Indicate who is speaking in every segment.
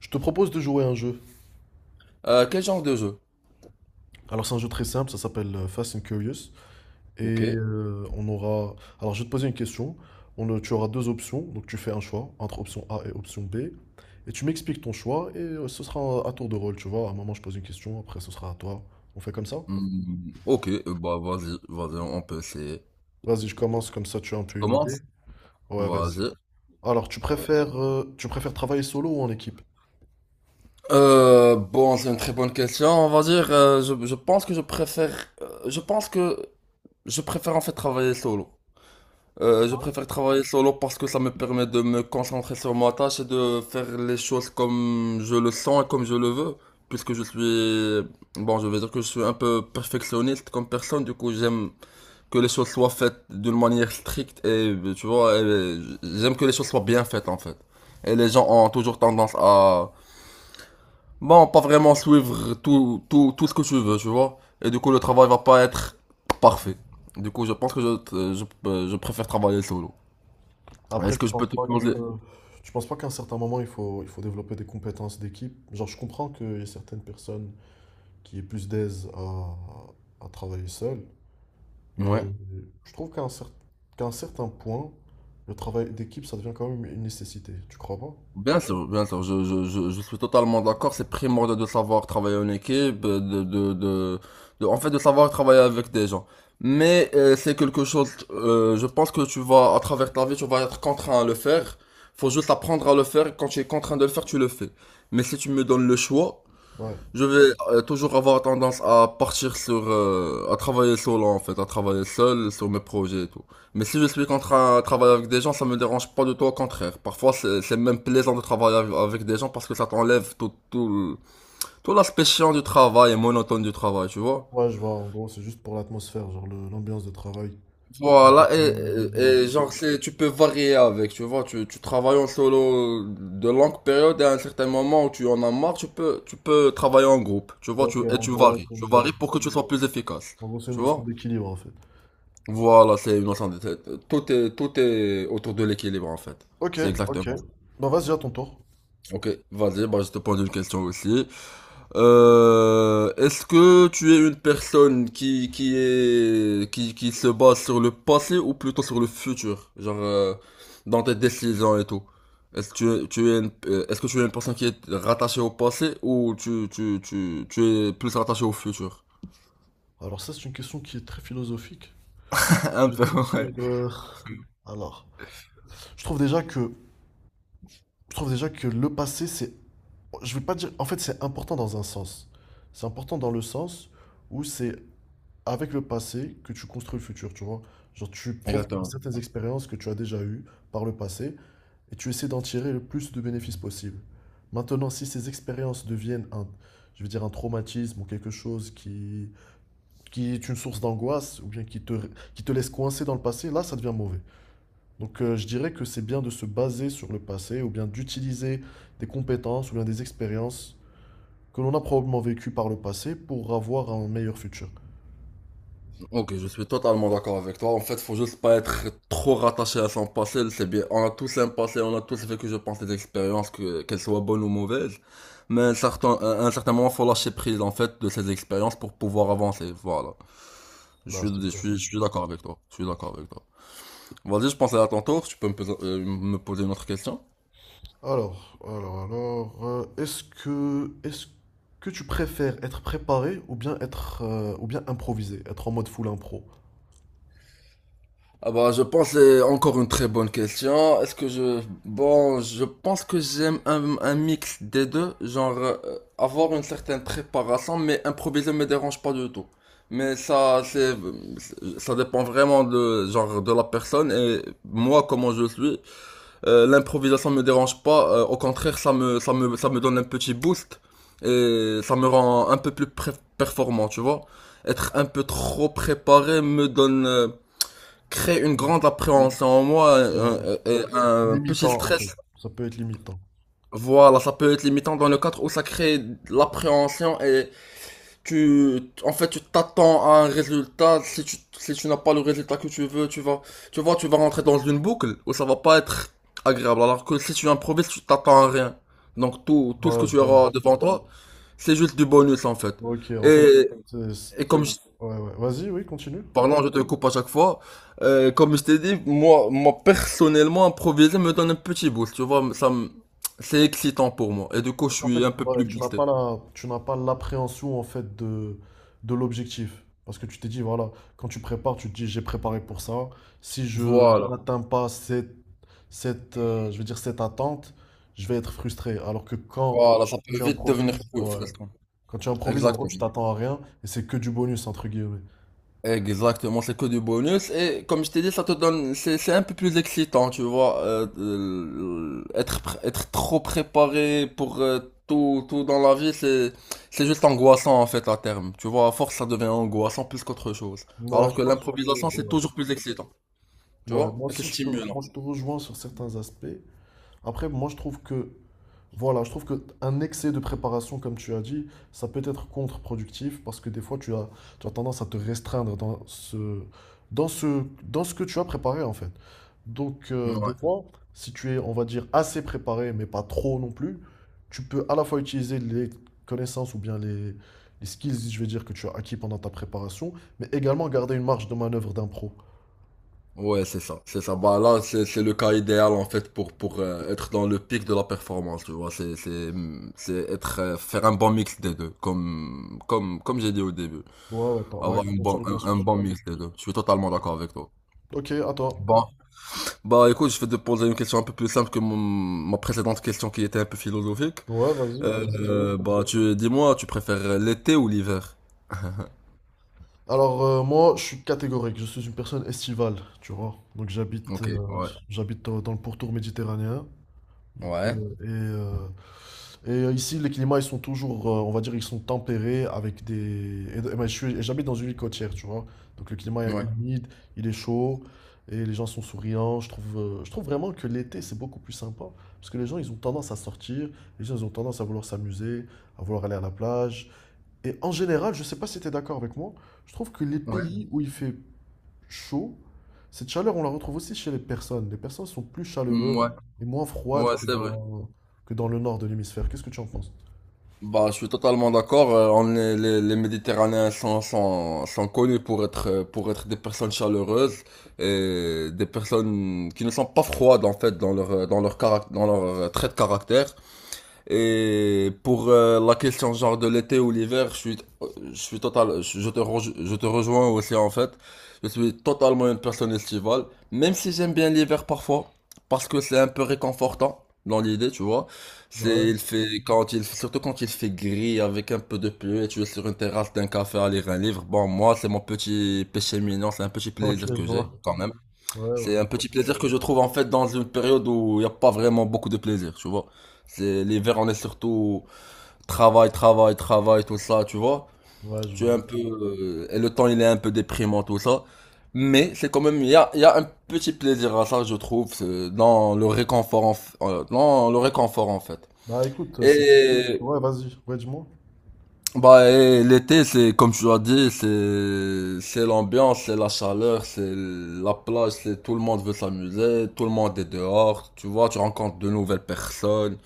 Speaker 1: Je te propose de jouer à un jeu.
Speaker 2: Quel genre de jeu?
Speaker 1: Alors c'est un jeu très simple, ça s'appelle Fast and Curious.
Speaker 2: Ok.
Speaker 1: Et on aura... Alors je vais te poser une question. Tu auras deux options, donc tu fais un choix entre option A et option B. Et tu m'expliques ton choix et ce sera à tour de rôle, tu vois. À un moment je pose une question, après ce sera à toi. On fait comme ça?
Speaker 2: Hmm, ok, bah vas-y, vas-y, on peut essayer.
Speaker 1: Vas-y, je commence comme ça, tu as un
Speaker 2: Tu
Speaker 1: peu une idée.
Speaker 2: commences?
Speaker 1: Ouais, vas-y.
Speaker 2: Vas-y.
Speaker 1: Alors
Speaker 2: Allez.
Speaker 1: tu préfères travailler solo ou en équipe?
Speaker 2: Bon, c'est une très bonne question. On va dire, je pense que je préfère en fait travailler solo. Je préfère travailler solo parce que ça me permet de me concentrer sur ma tâche et de faire les choses comme je le sens et comme je le veux. Puisque je suis, bon, je vais dire que je suis un peu perfectionniste comme personne, du coup j'aime que les choses soient faites d'une manière stricte et, tu vois, j'aime que les choses soient bien faites en fait. Et les gens ont toujours tendance à, bon, pas vraiment suivre tout, tout, tout ce que tu veux, tu vois. Et du coup, le travail va pas être parfait. Du coup, je pense que je préfère travailler solo.
Speaker 1: Après,
Speaker 2: Est-ce que
Speaker 1: tu
Speaker 2: je peux
Speaker 1: penses
Speaker 2: te
Speaker 1: pas
Speaker 2: poser,
Speaker 1: que... Tu penses pas qu'à un certain moment, il faut développer des compétences d'équipe? Genre, je comprends qu'il y a certaines personnes qui est plus d'aise à travailler seul. Mais
Speaker 2: ouais.
Speaker 1: je trouve qu'à un certain point, le travail d'équipe, ça devient quand même une nécessité, tu crois pas?
Speaker 2: Bien sûr, je suis totalement d'accord. C'est primordial de savoir travailler en équipe, en fait, de savoir travailler avec des gens. Mais c'est quelque chose, je pense que tu vas, à travers ta vie, tu vas être contraint à le faire. Faut juste apprendre à le faire. Quand tu es contraint de le faire, tu le fais. Mais si tu me donnes le choix,
Speaker 1: Ouais.
Speaker 2: je vais toujours avoir tendance à partir sur, à travailler solo en fait, à travailler seul sur mes projets et tout. Mais si je suis contre à travailler avec des gens, ça me dérange pas du tout, au contraire. Parfois, c'est même plaisant de travailler avec des gens parce que ça t'enlève tout, tout, tout l'aspect chiant du travail et monotone du travail, tu vois.
Speaker 1: Ouais, je vois, en gros, c'est juste pour l'atmosphère, genre l'ambiance de travail. Un peu
Speaker 2: Voilà,
Speaker 1: plus légère.
Speaker 2: et- genre, c'est, tu peux varier avec, tu vois, tu travailles en solo de longues périodes et à un certain moment où tu en as marre, tu peux travailler en groupe, tu vois, tu,
Speaker 1: Ok,
Speaker 2: et
Speaker 1: en gros, c'est
Speaker 2: tu
Speaker 1: une,
Speaker 2: varies pour que tu sois plus efficace,
Speaker 1: En gros, c'est une
Speaker 2: tu vois.
Speaker 1: notion d'équilibre en fait.
Speaker 2: Voilà, c'est une notion de, tout est autour de l'équilibre en fait,
Speaker 1: Ok,
Speaker 2: c'est
Speaker 1: ok.
Speaker 2: exactement ça.
Speaker 1: Ben vas-y, à ton tour.
Speaker 2: Ok, vas-y, bah, je te pose une question aussi. Est-ce que tu es une personne qui est qui se base sur le passé ou plutôt sur le futur, genre dans tes décisions et tout? Est-ce que tu es, est-ce que tu es une personne qui est rattachée au passé ou tu es plus rattaché au futur?
Speaker 1: Alors ça, c'est une question qui est très philosophique.
Speaker 2: Un
Speaker 1: Je vais
Speaker 2: peu,
Speaker 1: te dire...
Speaker 2: ouais.
Speaker 1: Alors, je trouve déjà que, je trouve déjà que le passé, c'est... Je vais pas dire. En fait, c'est important dans un sens. C'est important dans le sens où c'est avec le passé que tu construis le futur, tu vois. Genre, tu profites de
Speaker 2: Exactement.
Speaker 1: certaines expériences que tu as déjà eues par le passé et tu essaies d'en tirer le plus de bénéfices possible. Maintenant, si ces expériences deviennent un, je veux dire, un traumatisme ou quelque chose qui est une source d'angoisse ou bien qui te laisse coincé dans le passé, là, ça devient mauvais. Donc, je dirais que c'est bien de se baser sur le passé ou bien d'utiliser des compétences ou bien des expériences que l'on a probablement vécu par le passé pour avoir un meilleur futur.
Speaker 2: Ok, je suis totalement d'accord avec toi. En fait, faut juste pas être trop rattaché à son passé. C'est bien. On a tous un passé, on a tous vécu, je pense, des expériences, que, qu'elles soient bonnes ou mauvaises. Mais un certain, à un certain moment, faut lâcher prise, en fait, de ces expériences pour pouvoir avancer. Voilà.
Speaker 1: Bah, c'est clair.
Speaker 2: Je suis d'accord avec toi. Je suis d'accord avec toi. Vas-y, je pense à ton tour. Tu peux me, me poser une autre question?
Speaker 1: Alors, est-ce que tu préfères être préparé ou bien être, ou bien improviser, être en mode full impro?
Speaker 2: Ah bah je pense c'est encore une très bonne question. Est-ce que je bon je pense que j'aime un mix des deux, genre avoir une certaine préparation mais improviser me dérange pas du tout. Mais ça c'est ça dépend vraiment de genre de la personne et moi comment je suis, l'improvisation me dérange pas, au contraire ça me donne un petit boost et ça me rend un peu plus performant, tu vois. Être un peu trop préparé me donne crée une grande appréhension en moi,
Speaker 1: Ouais, c'est
Speaker 2: un- un petit
Speaker 1: limitant en fait.
Speaker 2: stress.
Speaker 1: Ça peut être limitant.
Speaker 2: Voilà, ça peut être limitant dans le cadre où ça crée l'appréhension et tu, en fait, tu t'attends à un résultat. Si tu, si tu n'as pas le résultat que tu veux, tu vas, tu vois, tu vas rentrer dans une boucle où ça va pas être agréable. Alors que si tu improvises, tu t'attends à rien. Donc tout, tout ce que
Speaker 1: Ouais, je
Speaker 2: tu
Speaker 1: vois.
Speaker 2: auras devant toi, c'est juste du bonus en fait.
Speaker 1: Ok, en fait,
Speaker 2: Et,
Speaker 1: c'est- c'est-
Speaker 2: et comme je
Speaker 1: ouais, ouais. Vas-y, oui, continue.
Speaker 2: Pardon, je te coupe à chaque fois. Comme je t'ai dit, moi, moi personnellement, improviser me donne un petit boost. Tu vois, c'est excitant pour moi. Et du coup, je
Speaker 1: Parce qu'en fait,
Speaker 2: suis un peu
Speaker 1: ouais,
Speaker 2: plus boosté.
Speaker 1: tu n'as pas l'appréhension en fait de l'objectif. Parce que tu t'es dit, voilà, quand tu prépares, tu te dis, j'ai préparé pour ça. Si je
Speaker 2: Voilà,
Speaker 1: n'atteins pas je veux dire, cette attente, je vais être frustré. Alors que
Speaker 2: voilà, ça peut
Speaker 1: tu
Speaker 2: vite devenir
Speaker 1: improvises,
Speaker 2: cool,
Speaker 1: ouais,
Speaker 2: fresque.
Speaker 1: quand tu improvises, en gros, tu
Speaker 2: Exactement.
Speaker 1: t'attends à rien et c'est que du bonus, entre guillemets.
Speaker 2: Exactement, c'est que du bonus. Et comme je t'ai dit, ça te donne, c'est un peu plus excitant, tu vois, être, être trop préparé pour tout, tout dans la vie, c'est juste angoissant en fait à terme. Tu vois, à force, ça devient angoissant plus qu'autre chose.
Speaker 1: Ouais,
Speaker 2: Alors
Speaker 1: je
Speaker 2: que
Speaker 1: pense que,
Speaker 2: l'improvisation, c'est
Speaker 1: ouais.
Speaker 2: toujours plus excitant, tu
Speaker 1: Ouais,
Speaker 2: vois,
Speaker 1: moi
Speaker 2: et c'est
Speaker 1: aussi,
Speaker 2: stimulant.
Speaker 1: moi, je te rejoins sur certains aspects. Après, moi, je trouve que... Voilà, je trouve qu'un excès de préparation, comme tu as dit, ça peut être contre-productif parce que des fois, tu as tendance à te restreindre dans ce que tu as préparé en fait. Donc, des
Speaker 2: Ouais.
Speaker 1: fois, si tu es, on va dire, assez préparé, mais pas trop non plus, tu peux à la fois utiliser les connaissances ou bien les skills, je vais dire, que tu as acquis pendant ta préparation, mais également garder une marge de manœuvre d'impro.
Speaker 2: Ouais, c'est ça, c'est ça. Bah là, c'est le cas idéal en fait pour être dans le pic de la performance, tu vois. C'est être faire un bon mix des deux, comme j'ai dit au début,
Speaker 1: Ouais, ouais, pas, ouais,
Speaker 2: avoir un
Speaker 1: on se
Speaker 2: bon
Speaker 1: rejoint
Speaker 2: un,
Speaker 1: sur
Speaker 2: un
Speaker 1: ce
Speaker 2: bon
Speaker 1: point.
Speaker 2: mix des deux. Je suis totalement d'accord avec toi.
Speaker 1: Ok, à toi.
Speaker 2: Bon, bah écoute, je vais te poser une question un peu plus simple que mon, ma précédente question qui était un peu philosophique.
Speaker 1: Ouais, vas-y, vas-y.
Speaker 2: Bah tu dis-moi, tu préfères l'été ou l'hiver?
Speaker 1: Alors moi, je suis catégorique, je suis une personne estivale, tu vois. Donc j'habite
Speaker 2: Ok, ouais,
Speaker 1: j'habite dans, dans le pourtour méditerranéen. Donc,
Speaker 2: ouais,
Speaker 1: et ici, les climats, ils sont toujours, on va dire, ils sont tempérés avec des... et moi, et j'habite dans une ville côtière, tu vois. Donc le climat est
Speaker 2: ouais,
Speaker 1: humide, il est chaud, et les gens sont souriants. Je trouve vraiment que l'été, c'est beaucoup plus sympa. Parce que les gens, ils ont tendance à sortir, les gens, ils ont tendance à vouloir s'amuser, à vouloir aller à la plage. Et en général, je sais pas si tu es d'accord avec moi, je trouve que les
Speaker 2: ouais,
Speaker 1: pays où il fait chaud, cette chaleur, on la retrouve aussi chez les personnes. Les personnes sont plus
Speaker 2: Mm,
Speaker 1: chaleureuses
Speaker 2: ouais,
Speaker 1: et moins froides
Speaker 2: ouais, c'est vrai.
Speaker 1: que dans le nord de l'hémisphère. Qu'est-ce que tu en penses?
Speaker 2: Bah, je suis totalement d'accord. Les Méditerranéens sont connus pour être des personnes chaleureuses et des personnes qui ne sont pas froides en fait dans leur, dans leur, dans leur trait de caractère. Et pour la question genre de l'été ou l'hiver, je suis total, je te, rej- je te rejoins aussi en fait. Je suis totalement une personne estivale, même si j'aime bien l'hiver parfois, parce que c'est un peu réconfortant dans l'idée, tu vois.
Speaker 1: Ouais,
Speaker 2: C'est, il fait quand il, surtout quand il fait gris avec un peu de pluie et tu es sur une terrasse d'un café à lire un livre. Bon, moi, c'est mon petit péché mignon, c'est un petit
Speaker 1: ok,
Speaker 2: plaisir
Speaker 1: je
Speaker 2: que j'ai
Speaker 1: vois.
Speaker 2: quand même.
Speaker 1: Ouais, ouais,
Speaker 2: C'est un
Speaker 1: ouais.
Speaker 2: petit plaisir que je trouve en fait dans une période où il n'y a pas vraiment beaucoup de plaisir, tu vois. C'est l'hiver, on est surtout travail, travail, travail, tout ça, tu vois.
Speaker 1: Ouais, je
Speaker 2: Tu es un
Speaker 1: vois.
Speaker 2: peu et le temps il est un peu déprimant tout ça, mais c'est quand même il y a un petit plaisir à ça, je trouve, c'est dans le réconfort dans le réconfort en fait.
Speaker 1: Bah écoute, c'est...
Speaker 2: Et
Speaker 1: Ouais, vas-y, ouais, dis-moi.
Speaker 2: Bah, et l'été, c'est comme tu as dit, c'est l'ambiance, c'est la chaleur, c'est la plage, c'est tout le monde veut s'amuser, tout le monde est dehors, tu vois, tu rencontres de nouvelles personnes.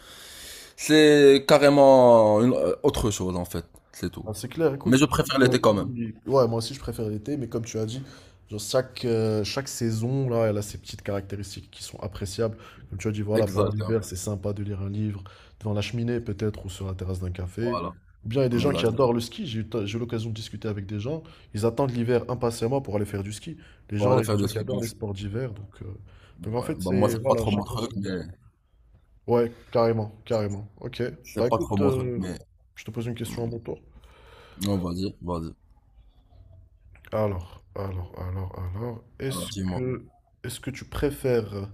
Speaker 2: C'est carrément une autre chose en fait, c'est tout.
Speaker 1: Ah, c'est clair,
Speaker 2: Mais je
Speaker 1: écoute, comme
Speaker 2: préfère
Speaker 1: tu as
Speaker 2: l'été quand même.
Speaker 1: dit, ouais, moi aussi je préfère l'été, mais comme tu as dit, genre chaque saison, là, elle a ses petites caractéristiques qui sont appréciables. Comme tu as dit, voilà, pendant
Speaker 2: Exactement.
Speaker 1: l'hiver, c'est sympa de lire un livre devant la cheminée, peut-être, ou sur la terrasse d'un café.
Speaker 2: Voilà.
Speaker 1: Ou bien, il y a des gens qui
Speaker 2: Exact.
Speaker 1: adorent le ski. J'ai eu l'occasion de discuter avec des gens. Ils attendent l'hiver impatiemment pour aller faire du ski. Les
Speaker 2: Pour
Speaker 1: gens, il
Speaker 2: aller
Speaker 1: y a des
Speaker 2: faire
Speaker 1: gens
Speaker 2: des
Speaker 1: qui
Speaker 2: skis.
Speaker 1: adorent les sports d'hiver. Donc, en
Speaker 2: Ouais.
Speaker 1: fait,
Speaker 2: Bah moi
Speaker 1: c'est,
Speaker 2: c'est pas
Speaker 1: voilà,
Speaker 2: trop mon
Speaker 1: chacun
Speaker 2: truc,
Speaker 1: son.
Speaker 2: mais
Speaker 1: Ouais, carrément, carrément. Ok. Bah,
Speaker 2: c'est pas trop
Speaker 1: écoute,
Speaker 2: mon truc, mais
Speaker 1: je te pose une question à
Speaker 2: mm,
Speaker 1: mon tour.
Speaker 2: non, vas-y, vas-y.
Speaker 1: Alors,
Speaker 2: Alors dis-moi.
Speaker 1: est-ce que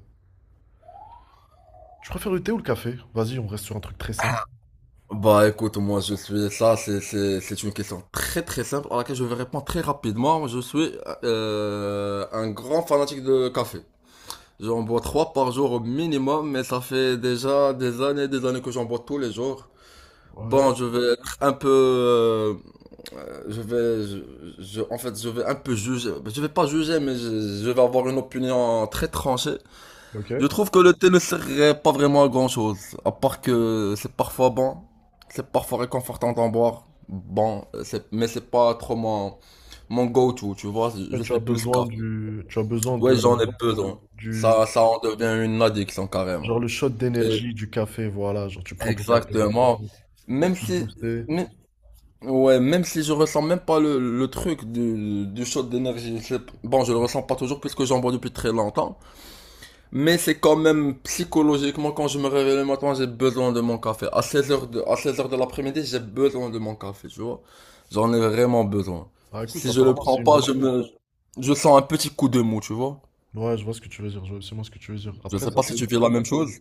Speaker 1: tu préfères le thé ou le café? Vas-y, on reste sur un truc très simple.
Speaker 2: Bah écoute, moi je suis ça, c'est une question très très simple à laquelle je vais répondre très rapidement. Je suis un grand fanatique de café. J'en bois trois par jour au minimum, mais ça fait déjà des années que j'en bois tous les jours. Bon,
Speaker 1: Ouais,
Speaker 2: je vais être un peu, je vais, je, en fait, je vais un peu juger. Je vais pas juger, mais je vais avoir une opinion très tranchée.
Speaker 1: ok.
Speaker 2: Je
Speaker 1: En
Speaker 2: trouve que le thé ne sert pas vraiment à grand chose, à part que c'est parfois bon, c'est parfois réconfortant d'en boire. Bon, mais c'est pas trop mon, mon go-to, tu vois,
Speaker 1: fait,
Speaker 2: je
Speaker 1: tu as
Speaker 2: suis plus
Speaker 1: besoin
Speaker 2: café.
Speaker 1: du, tu as besoin
Speaker 2: Ouais,
Speaker 1: de,
Speaker 2: j'en ai besoin.
Speaker 1: du,
Speaker 2: Ça en devient une addiction carrément.
Speaker 1: genre le shot
Speaker 2: Et-
Speaker 1: d'énergie du café, voilà, genre tu prends ton café, là,
Speaker 2: exactement. Même
Speaker 1: tu te
Speaker 2: si,
Speaker 1: boostes.
Speaker 2: mais- ouais, même si je ressens même pas le, le truc du shot d'énergie, bon, je le ressens pas toujours puisque j'en bois depuis très longtemps. Mais c'est quand même psychologiquement, quand je me réveille le matin, j'ai besoin de mon café. À 16h à 16h de l'après-midi, j'ai besoin de mon café, tu vois. J'en ai vraiment besoin.
Speaker 1: Ah, écoute,
Speaker 2: Si je le
Speaker 1: apparemment,
Speaker 2: prends
Speaker 1: c'est une
Speaker 2: pas,
Speaker 1: bonne
Speaker 2: je
Speaker 1: chose.
Speaker 2: me, je sens un petit coup de mou, tu vois.
Speaker 1: Ouais, je vois ce que tu veux dire, je vois absolument ce que tu veux dire.
Speaker 2: Je
Speaker 1: Après,
Speaker 2: sais
Speaker 1: ça,
Speaker 2: pas si
Speaker 1: c'est...
Speaker 2: tu vis la même chose.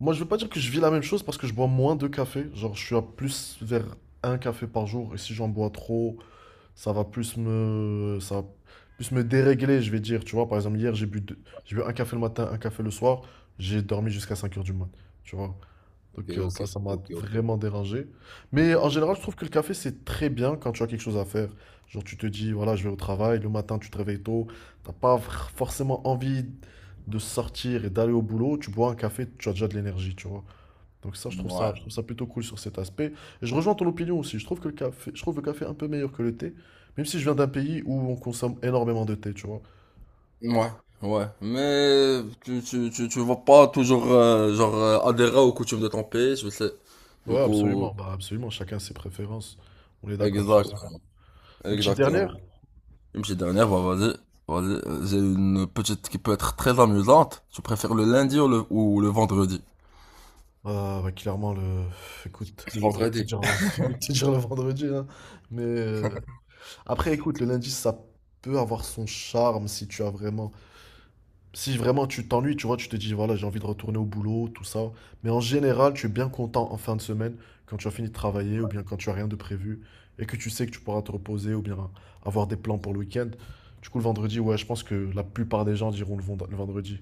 Speaker 1: Moi, je veux pas dire que je vis la même chose parce que je bois moins de café. Genre, je suis à plus vers un café par jour et si j'en bois trop, ça va plus me dérégler, je vais dire. Tu vois, par exemple, hier, j'ai bu un café le matin, un café le soir, j'ai dormi jusqu'à 5 heures du mat. Tu vois,
Speaker 2: Ok,
Speaker 1: donc
Speaker 2: ok,
Speaker 1: ça m'a
Speaker 2: ok, ok.
Speaker 1: vraiment dérangé. Mais en général,
Speaker 2: Ouais.
Speaker 1: je trouve que le café, c'est très bien quand tu as quelque chose à faire. Genre, tu te dis, voilà, je vais au travail, le matin, tu te réveilles tôt, t'as pas vr- forcément envie de sortir et d'aller au boulot, tu bois un café, tu as déjà de l'énergie, tu vois. Donc ça, je trouve ça plutôt cool sur cet aspect. Et je rejoins ton opinion aussi. Je trouve que le café, je trouve le café un peu meilleur que le thé, même si je viens d'un pays où on consomme énormément de thé, tu vois.
Speaker 2: Ouais, ouais, ouais. Mais tu vas pas toujours, genre, adhérer aux coutumes de ton pays, je sais. Du
Speaker 1: Ouais,
Speaker 2: coup,
Speaker 1: absolument. Bah, absolument. Chacun ses préférences. On est d'accord sur ça.
Speaker 2: exactement,
Speaker 1: Une petite
Speaker 2: exactement.
Speaker 1: dernière?
Speaker 2: Une petite dernière, bah, vas-y. Vas-y, j'ai une petite qui peut être très amusante. Tu préfères le lundi ou le vendredi?
Speaker 1: Bah, clairement, le... Écoute,
Speaker 2: Le
Speaker 1: j'ai envie de te
Speaker 2: vendredi.
Speaker 1: dire le, j'ai envie de te dire le vendredi, hein. Mais après, écoute, le lundi, ça peut avoir son charme si tu as vraiment... Si vraiment tu t'ennuies, tu vois, tu te dis, voilà, j'ai envie de retourner au boulot, tout ça. Mais en général, tu es bien content en fin de semaine quand tu as fini de travailler ou bien quand tu as rien de prévu et que tu sais que tu pourras te reposer ou bien avoir des plans pour le week-end. Du coup, le vendredi, ouais, je pense que la plupart des gens diront le vendredi.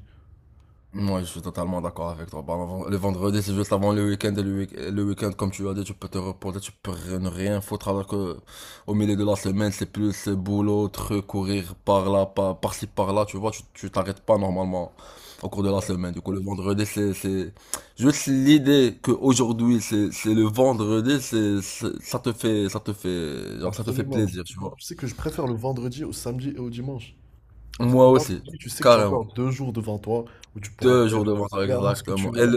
Speaker 2: Moi je suis totalement d'accord avec toi. Bah, le vendredi, c'est juste avant le week-end. Et le week-end, comme tu as dit, tu peux te reposer, tu peux rien- ne rien foutre. Alors que au milieu de la semaine, c'est plus boulot, truc, courir par là, par, par-ci, par-là. Tu vois, tu t'arrêtes pas normalement au cours de la semaine. Du coup, le vendredi, juste l'idée que aujourd'hui c'est le vendredi, ça te fait, genre, ça te fait
Speaker 1: Absolument.
Speaker 2: plaisir, tu vois.
Speaker 1: Je sais que je préfère le vendredi au samedi et au dimanche. Parce que
Speaker 2: Moi
Speaker 1: le
Speaker 2: aussi,
Speaker 1: vendredi, tu sais que tu as
Speaker 2: carrément.
Speaker 1: encore deux jours devant toi où tu pourras
Speaker 2: Deux jours
Speaker 1: faire
Speaker 2: de vendredi,
Speaker 1: clairement ce que tu
Speaker 2: exactement. Et
Speaker 1: veux.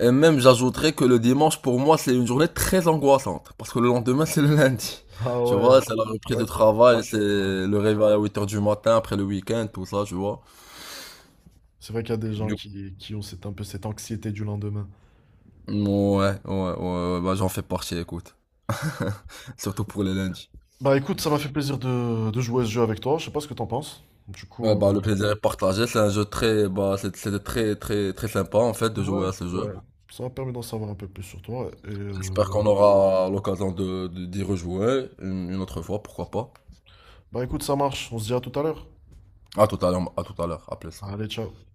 Speaker 2: Et même j'ajouterais que le dimanche pour moi c'est une journée très angoissante parce que le lendemain c'est le lundi.
Speaker 1: Ah
Speaker 2: Tu
Speaker 1: ouais,
Speaker 2: vois, c'est la
Speaker 1: c'est
Speaker 2: reprise de
Speaker 1: vrai que...
Speaker 2: travail, c'est
Speaker 1: ouais.
Speaker 2: le réveil à 8h du matin après le week-end, tout ça, tu vois.
Speaker 1: C'est vrai qu'il y a des gens
Speaker 2: Du
Speaker 1: qui ont cette, un peu cette anxiété du lendemain.
Speaker 2: coup, ouais, ouais, ouais, bah j'en fais partie, écoute. Surtout pour les lundis.
Speaker 1: Bah écoute, ça m'a fait plaisir de jouer à ce jeu avec toi. Je sais pas ce que t'en penses. Du
Speaker 2: Ouais,
Speaker 1: coup,
Speaker 2: bah le plaisir est partagé, c'est un jeu très, bah c'était très, très, très sympa en fait de jouer
Speaker 1: ouais,
Speaker 2: à ce jeu.
Speaker 1: ouais. Ça m'a permis d'en savoir un peu plus sur toi. Et
Speaker 2: J'espère qu'on aura l'occasion de, d'y rejouer une autre fois, pourquoi pas.
Speaker 1: bah écoute, ça marche. On se dit à tout à l'heure.
Speaker 2: À tout à l'heure, à tout à l'heure, à plus.
Speaker 1: Allez, ciao.